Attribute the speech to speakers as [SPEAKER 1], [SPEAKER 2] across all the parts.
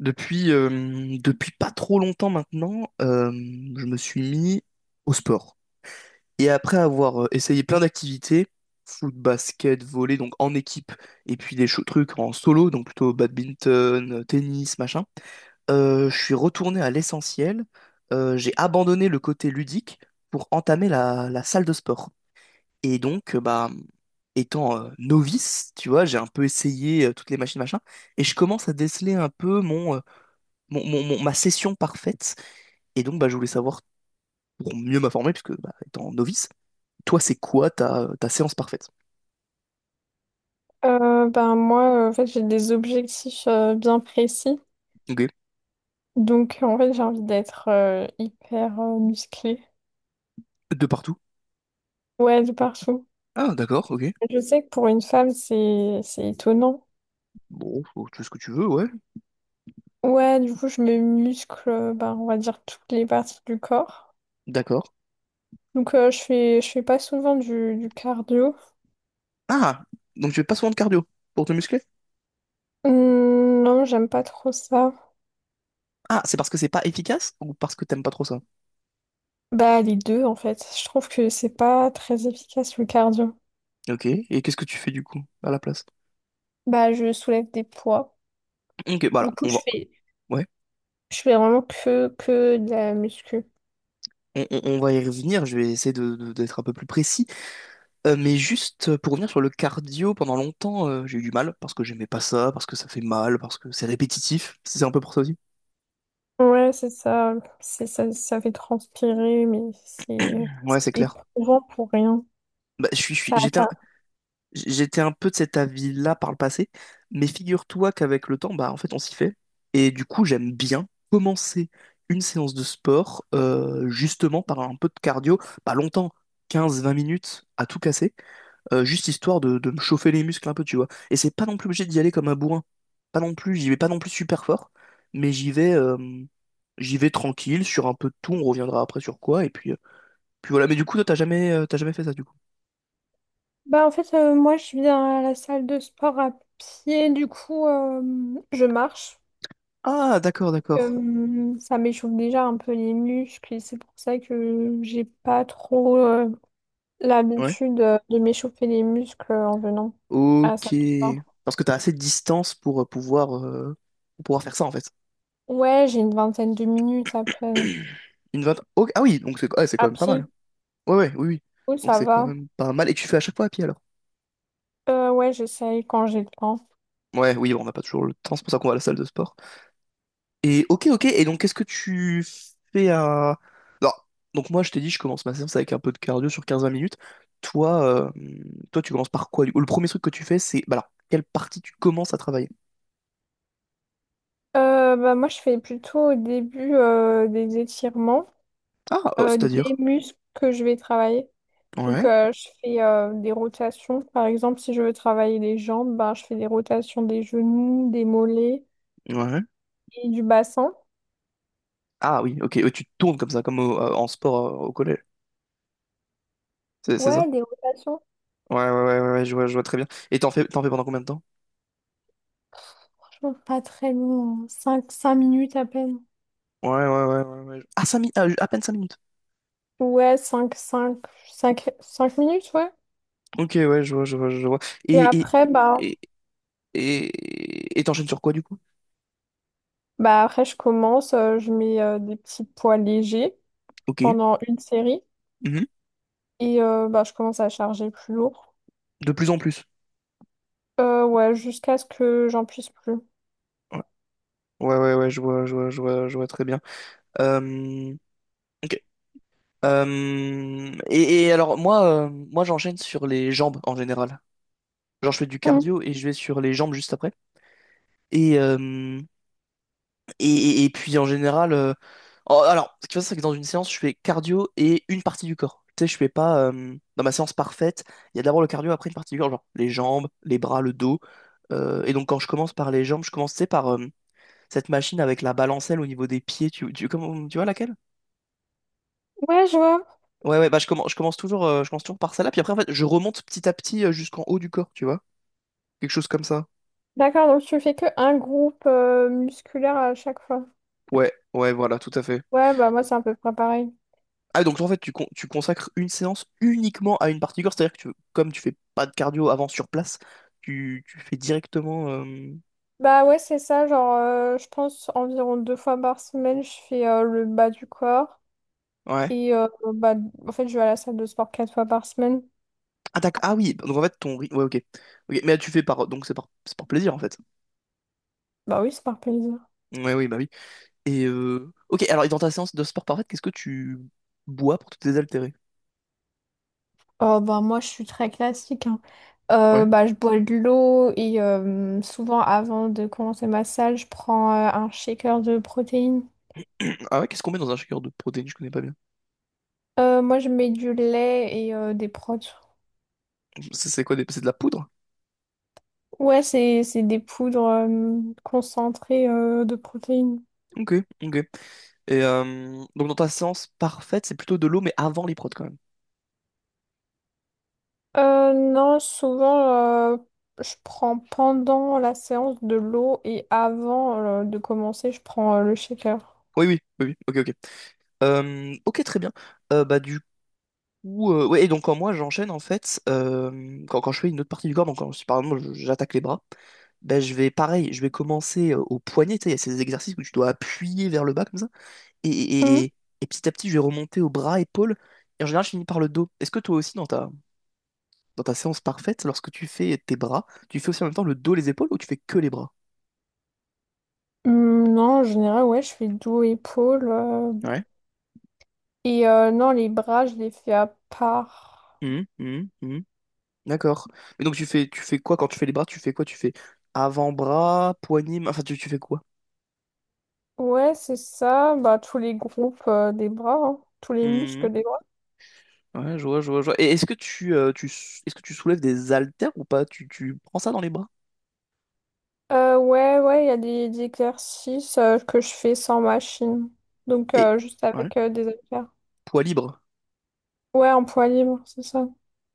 [SPEAKER 1] Depuis pas trop longtemps maintenant, je me suis mis au sport. Et après avoir essayé plein d'activités, foot, basket, volley, donc en équipe, et puis trucs en solo, donc plutôt badminton, tennis, machin, je suis retourné à l'essentiel. J'ai abandonné le côté ludique pour entamer la salle de sport. Et donc, bah, étant novice, tu vois, j'ai un peu essayé toutes les machines, machin, et je commence à déceler un peu ma session parfaite. Et donc, bah, je voulais savoir, pour mieux m'informer, puisque bah, étant novice, toi, c'est quoi ta séance parfaite?
[SPEAKER 2] Ben moi, en fait, j'ai des objectifs bien précis.
[SPEAKER 1] Ok.
[SPEAKER 2] Donc, en fait, j'ai envie d'être hyper musclée.
[SPEAKER 1] De partout?
[SPEAKER 2] Ouais, de partout.
[SPEAKER 1] Ah, d'accord, ok.
[SPEAKER 2] Je sais que pour une femme, c'est étonnant.
[SPEAKER 1] Bon, tu fais ce que tu veux, ouais.
[SPEAKER 2] Ouais, du coup, je me muscle, ben, on va dire, toutes les parties du corps.
[SPEAKER 1] D'accord.
[SPEAKER 2] Donc, je fais pas souvent du cardio.
[SPEAKER 1] Ah, donc tu fais pas souvent de cardio pour te muscler?
[SPEAKER 2] Non, j'aime pas trop ça.
[SPEAKER 1] Ah, c'est parce que c'est pas efficace ou parce que t'aimes pas trop ça?
[SPEAKER 2] Bah, les deux, en fait. Je trouve que c'est pas très efficace, le cardio.
[SPEAKER 1] Ok, et qu'est-ce que tu fais du coup à la place?
[SPEAKER 2] Bah, je soulève des poids.
[SPEAKER 1] Ok, bah
[SPEAKER 2] Du
[SPEAKER 1] alors,
[SPEAKER 2] coup,
[SPEAKER 1] on va.
[SPEAKER 2] je fais.
[SPEAKER 1] Ouais,
[SPEAKER 2] Je fais vraiment que de la muscu.
[SPEAKER 1] on va y revenir, je vais essayer d'être un peu plus précis. Mais juste pour revenir sur le cardio, pendant longtemps, j'ai eu du mal parce que j'aimais pas ça, parce que ça fait mal, parce que c'est répétitif. Si C'est un peu pour ça aussi.
[SPEAKER 2] Ouais, c'est ça. C'est ça, ça fait transpirer, mais c'est
[SPEAKER 1] Ouais,
[SPEAKER 2] c'est
[SPEAKER 1] c'est clair.
[SPEAKER 2] éprouvant pour rien.
[SPEAKER 1] Bah,
[SPEAKER 2] Ça...
[SPEAKER 1] j'étais un peu de cet avis-là par le passé, mais figure-toi qu'avec le temps, bah en fait, on s'y fait. Et du coup, j'aime bien commencer une séance de sport justement par un peu de cardio, pas longtemps, 15-20 minutes à tout casser, juste histoire de me chauffer les muscles un peu, tu vois. Et c'est pas non plus obligé d'y aller comme un bourrin. Pas non plus, j'y vais pas non plus super fort, mais j'y vais tranquille, sur un peu de tout, on reviendra après sur quoi, et puis voilà. Mais du coup, toi, t'as jamais fait ça, du coup.
[SPEAKER 2] Bah, en fait, moi, je viens à la salle de sport à pied. Du coup, je marche.
[SPEAKER 1] Ah, d'accord, d'accord.
[SPEAKER 2] Ça m'échauffe déjà un peu les muscles, et c'est pour ça que j'ai pas trop
[SPEAKER 1] Ouais.
[SPEAKER 2] l'habitude de m'échauffer les muscles en venant à la salle
[SPEAKER 1] Ok.
[SPEAKER 2] de sport.
[SPEAKER 1] Parce que t'as assez de distance pour pour pouvoir faire ça, en fait.
[SPEAKER 2] Ouais, j'ai une vingtaine de minutes à peine.
[SPEAKER 1] Ok, ah oui, donc c'est, ouais, c'est quand
[SPEAKER 2] À
[SPEAKER 1] même pas mal.
[SPEAKER 2] pied,
[SPEAKER 1] Ouais, ouais, oui, oui.
[SPEAKER 2] oui,
[SPEAKER 1] Donc
[SPEAKER 2] ça
[SPEAKER 1] c'est quand
[SPEAKER 2] va.
[SPEAKER 1] même pas mal. Et tu fais à chaque fois à pied, alors?
[SPEAKER 2] Ouais, j'essaye quand j'ai le temps.
[SPEAKER 1] Ouais, oui, bon, on n'a pas toujours le temps, c'est pour ça qu'on va à la salle de sport. Et ok, ok. Et donc, qu'est-ce que tu fais à... non. Donc moi, je t'ai dit, je commence ma séance avec un peu de cardio sur 15-20 minutes. Toi, euh, toi, tu commences par quoi? Du coup, le premier truc que tu fais. Bah alors, quelle partie tu commences à travailler?
[SPEAKER 2] Bah, moi, je fais plutôt au début des étirements,
[SPEAKER 1] Ah, euh,
[SPEAKER 2] des
[SPEAKER 1] c'est-à-dire?
[SPEAKER 2] muscles que je vais travailler. Donc,
[SPEAKER 1] Ouais,
[SPEAKER 2] je fais des rotations. Par exemple, si je veux travailler les jambes, bah je fais des rotations des genoux, des mollets
[SPEAKER 1] ouais.
[SPEAKER 2] et du bassin.
[SPEAKER 1] Ah oui, ok. Ouais, tu te tournes comme ça, comme en sport au collège. C'est ça?
[SPEAKER 2] Ouais, des rotations.
[SPEAKER 1] Ouais, ouais, ouais, ouais, ouais, je vois très bien. Et t'en fais pendant combien de temps?
[SPEAKER 2] Franchement, pas très long. Cinq minutes à peine.
[SPEAKER 1] Ouais, ouais, ouais, ouais, ouais. Ah, 5 minutes, à peine 5 minutes.
[SPEAKER 2] Ouais, cinq minutes, ouais.
[SPEAKER 1] Ok, ouais, je vois, je vois, je vois.
[SPEAKER 2] Et
[SPEAKER 1] Et, et,
[SPEAKER 2] après, bah,
[SPEAKER 1] et, et t'enchaînes sur quoi, du coup?
[SPEAKER 2] après, je commence, je mets des petits poids légers
[SPEAKER 1] Ok.
[SPEAKER 2] pendant une série, et bah, je commence à charger plus lourd.
[SPEAKER 1] De plus en plus.
[SPEAKER 2] Ouais, jusqu'à ce que j'en puisse plus.
[SPEAKER 1] Ouais, ouais, ouais, ouais, je vois, je vois, je vois, je vois très bien. Euh, ok. Et alors, moi j'enchaîne sur les jambes en général. Genre, je fais du
[SPEAKER 2] Mm.
[SPEAKER 1] cardio et je vais sur les jambes juste après. Et, euh, et puis, en général, oh, alors, ce qui se passe, c'est que dans une séance, je fais cardio et une partie du corps. Tu sais, je fais pas, dans ma séance parfaite, il y a d'abord le cardio, après une partie du corps, genre les jambes, les bras, le dos. Et donc, quand je commence par les jambes, je commence, tu sais, par, cette machine avec la balancelle au niveau des pieds, tu vois laquelle?
[SPEAKER 2] Ouais, je vois.
[SPEAKER 1] Ouais, ouais, bah je commence toujours par celle-là, puis après, en fait, je remonte petit à petit jusqu'en haut du corps, tu vois? Quelque chose comme ça.
[SPEAKER 2] D'accord, donc tu fais que un groupe musculaire à chaque fois.
[SPEAKER 1] Ouais, ouais, voilà, tout à fait.
[SPEAKER 2] Ouais, bah moi c'est à peu près pareil.
[SPEAKER 1] Ah, donc en fait, tu consacres une séance uniquement à une partie du corps, c'est-à-dire que comme tu fais pas de cardio avant sur place, tu fais directement.
[SPEAKER 2] Bah ouais, c'est ça, genre je pense environ 2 fois par semaine, je fais le bas du corps.
[SPEAKER 1] Ouais.
[SPEAKER 2] Et bah en fait je vais à la salle de sport 4 fois par semaine.
[SPEAKER 1] Ah, d'accord. Ah oui, donc en fait, ouais, ok. Ok. Mais tu fais par. Donc c'est par plaisir, en fait.
[SPEAKER 2] Bah oui, c'est par plaisir.
[SPEAKER 1] Ouais, oui, bah oui. Ok, alors, et dans ta séance de sport parfaite, qu'est-ce que tu bois pour te désaltérer?
[SPEAKER 2] Oh, bah, moi, je suis très classique, hein. Euh,
[SPEAKER 1] Ouais.
[SPEAKER 2] bah, je bois de l'eau et souvent, avant de commencer ma salle, je prends un shaker de protéines.
[SPEAKER 1] Ah ouais, qu'est-ce qu'on met dans un shaker de protéines? Je connais pas bien.
[SPEAKER 2] Moi, je mets du lait et des protéines.
[SPEAKER 1] C'est quoi c'est de la poudre?
[SPEAKER 2] Ouais, c'est des poudres concentrées de protéines.
[SPEAKER 1] Ok, ok. Donc dans ta séance parfaite, c'est plutôt de l'eau, mais avant les prods quand même.
[SPEAKER 2] Non, souvent, je prends pendant la séance de l'eau et avant de commencer, je prends le shaker.
[SPEAKER 1] Oui, oui, oui, oui. Ok, ok. Ok, très bien. Bah du coup, ouais. Et donc quand moi j'enchaîne en fait, quand je fais une autre partie du corps, je par exemple je- j'attaque les bras, ben je vais pareil, je vais commencer au poignet. Tu sais, il y a ces exercices où tu dois appuyer vers le bas comme ça, et, et,
[SPEAKER 2] Hum.
[SPEAKER 1] et, et petit à petit je vais remonter au bras, épaules. Et en général, je finis par le dos. Est-ce que toi aussi dans ta séance parfaite, lorsque tu fais tes bras, tu fais aussi en même temps le dos, les épaules ou tu fais que les bras?
[SPEAKER 2] Non, en général, ouais, je fais dos, épaules.
[SPEAKER 1] Ouais.
[SPEAKER 2] Et non, les bras, je les fais à part.
[SPEAKER 1] Mhm, mhm, mhm. D'accord. Mais donc tu fais quoi quand tu fais les bras? Tu fais quoi? Tu fais avant-bras, poignée, main enfin tu fais quoi?
[SPEAKER 2] Ouais, c'est ça. Bah, tous les groupes des bras, hein. Tous les
[SPEAKER 1] Mhm.
[SPEAKER 2] muscles des bras.
[SPEAKER 1] Ouais, je vois, je vois, je vois. Et est-ce que est-ce que tu soulèves des haltères ou pas? Tu prends ça dans les bras?
[SPEAKER 2] Ouais, ouais, il y a des exercices que je fais sans machine. Donc,
[SPEAKER 1] Et
[SPEAKER 2] juste
[SPEAKER 1] ouais.
[SPEAKER 2] avec des haltères.
[SPEAKER 1] Poids libre.
[SPEAKER 2] Ouais, en poids libre, c'est ça.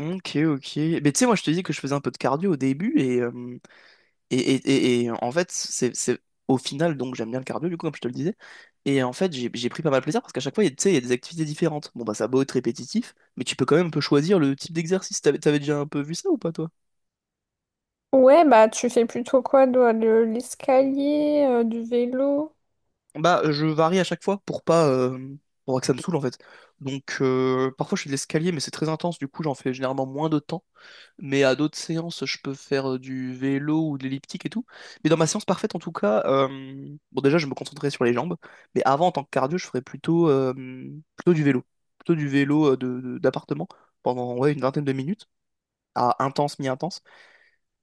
[SPEAKER 1] Ok, ok. Mais tu sais, moi je te dis que je faisais un peu de cardio au début Et, et, et en fait, c'est au final, donc j'aime bien le cardio, du coup, comme je te le disais. Et en fait, j'ai pris pas mal de plaisir parce qu'à chaque fois, tu sais, il y a des activités différentes. Bon, bah, ça a beau être répétitif, mais tu peux quand même un peu choisir le type d'exercice. T'avais déjà un peu vu ça ou pas, toi?
[SPEAKER 2] Ouais, bah, tu fais plutôt quoi, toi, de l'escalier, du vélo?
[SPEAKER 1] Bah, je varie à chaque fois pour pas que ça me saoule, en fait. Donc, parfois, je fais de l'escalier, mais c'est très intense, du coup, j'en fais généralement moins de temps. Mais à d'autres séances, je peux faire du vélo ou de l'elliptique et tout. Mais dans ma séance parfaite, en tout cas, bon, déjà, je me concentrais sur les jambes. Mais avant, en tant que cardio, je ferais plutôt du vélo. Plutôt du vélo d'appartement pendant, ouais, une vingtaine de minutes, à intense, mi-intense.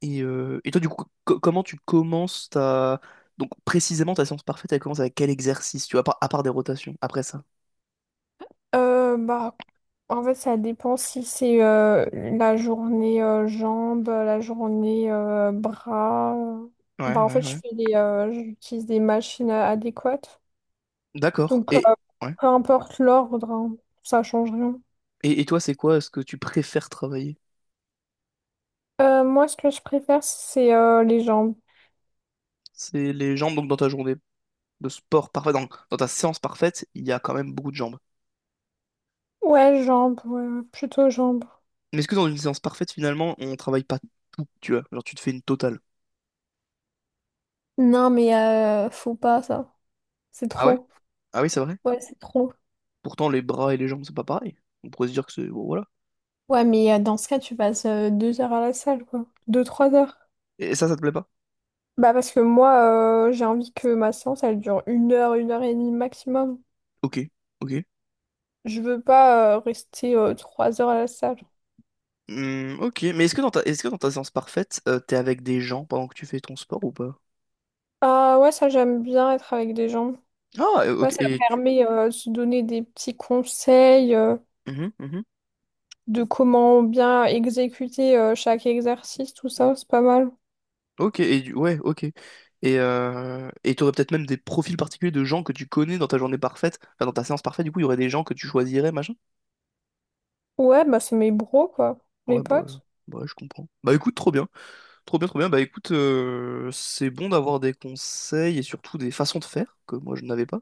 [SPEAKER 1] Et toi, du coup, comment tu commences ta. Donc, précisément, ta séance parfaite, elle commence avec quel exercice, tu vois, à part des rotations, après ça?
[SPEAKER 2] Bah, en fait, ça dépend si c'est la journée jambes, la journée bras.
[SPEAKER 1] Ouais,
[SPEAKER 2] Bah, en
[SPEAKER 1] ouais,
[SPEAKER 2] fait,
[SPEAKER 1] ouais.
[SPEAKER 2] j'utilise des machines adéquates.
[SPEAKER 1] D'accord.
[SPEAKER 2] Donc,
[SPEAKER 1] Et, ouais.
[SPEAKER 2] peu importe l'ordre, hein, ça change rien.
[SPEAKER 1] Et toi, c'est quoi ce que tu préfères travailler?
[SPEAKER 2] Moi, ce que je préfère, c'est les jambes.
[SPEAKER 1] C'est les jambes, donc, dans ta journée de sport parfait, dans ta séance parfaite, il y a quand même beaucoup de jambes.
[SPEAKER 2] Ouais, jambes, ouais, ouais, plutôt jambes.
[SPEAKER 1] Mais est-ce que dans une séance parfaite, finalement, on travaille pas tout, tu vois? Genre, tu te fais une totale.
[SPEAKER 2] Non, mais faut pas ça. C'est
[SPEAKER 1] Ah ouais?
[SPEAKER 2] trop.
[SPEAKER 1] Ah oui, c'est vrai.
[SPEAKER 2] Ouais, c'est trop.
[SPEAKER 1] Pourtant, les bras et les jambes, c'est pas pareil. On pourrait se dire que c'est. Bon, voilà.
[SPEAKER 2] Ouais, mais dans ce cas, tu passes 2 heures à la salle, quoi. 2, 3 heures.
[SPEAKER 1] Et ça te plaît pas?
[SPEAKER 2] Bah parce que moi, j'ai envie que ma séance, elle dure 1 heure, 1 heure et demie maximum.
[SPEAKER 1] Ok, ok.
[SPEAKER 2] Je veux pas rester 3 heures à la salle.
[SPEAKER 1] Hmm, ok, mais est-ce que dans ta, est-ce que dans ta séance parfaite, t'es avec des gens pendant que tu fais ton sport ou pas?
[SPEAKER 2] Ah ouais, ça j'aime bien être avec des gens.
[SPEAKER 1] Ah, euh,
[SPEAKER 2] Ouais,
[SPEAKER 1] ok,
[SPEAKER 2] ça
[SPEAKER 1] et tu.
[SPEAKER 2] permet de se donner des petits conseils
[SPEAKER 1] Mhm, mhm.
[SPEAKER 2] de comment bien exécuter chaque exercice, tout ça, c'est pas mal.
[SPEAKER 1] Ok, et ouais, ok. Et t'aurais peut-être même des profils particuliers de gens que tu connais dans ta journée parfaite, enfin dans ta séance parfaite, du coup, il y aurait des gens que tu choisirais, machin?
[SPEAKER 2] Ouais, bah c'est mes bros quoi, mes
[SPEAKER 1] Ouais, bah,
[SPEAKER 2] potes.
[SPEAKER 1] bah ouais, je comprends. Bah écoute, trop bien. Trop bien, trop bien. Bah écoute, c'est bon d'avoir des conseils et surtout des façons de faire que moi je n'avais pas.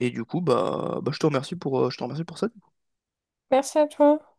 [SPEAKER 1] Et du coup, bah je te remercie pour ça.
[SPEAKER 2] Merci à toi.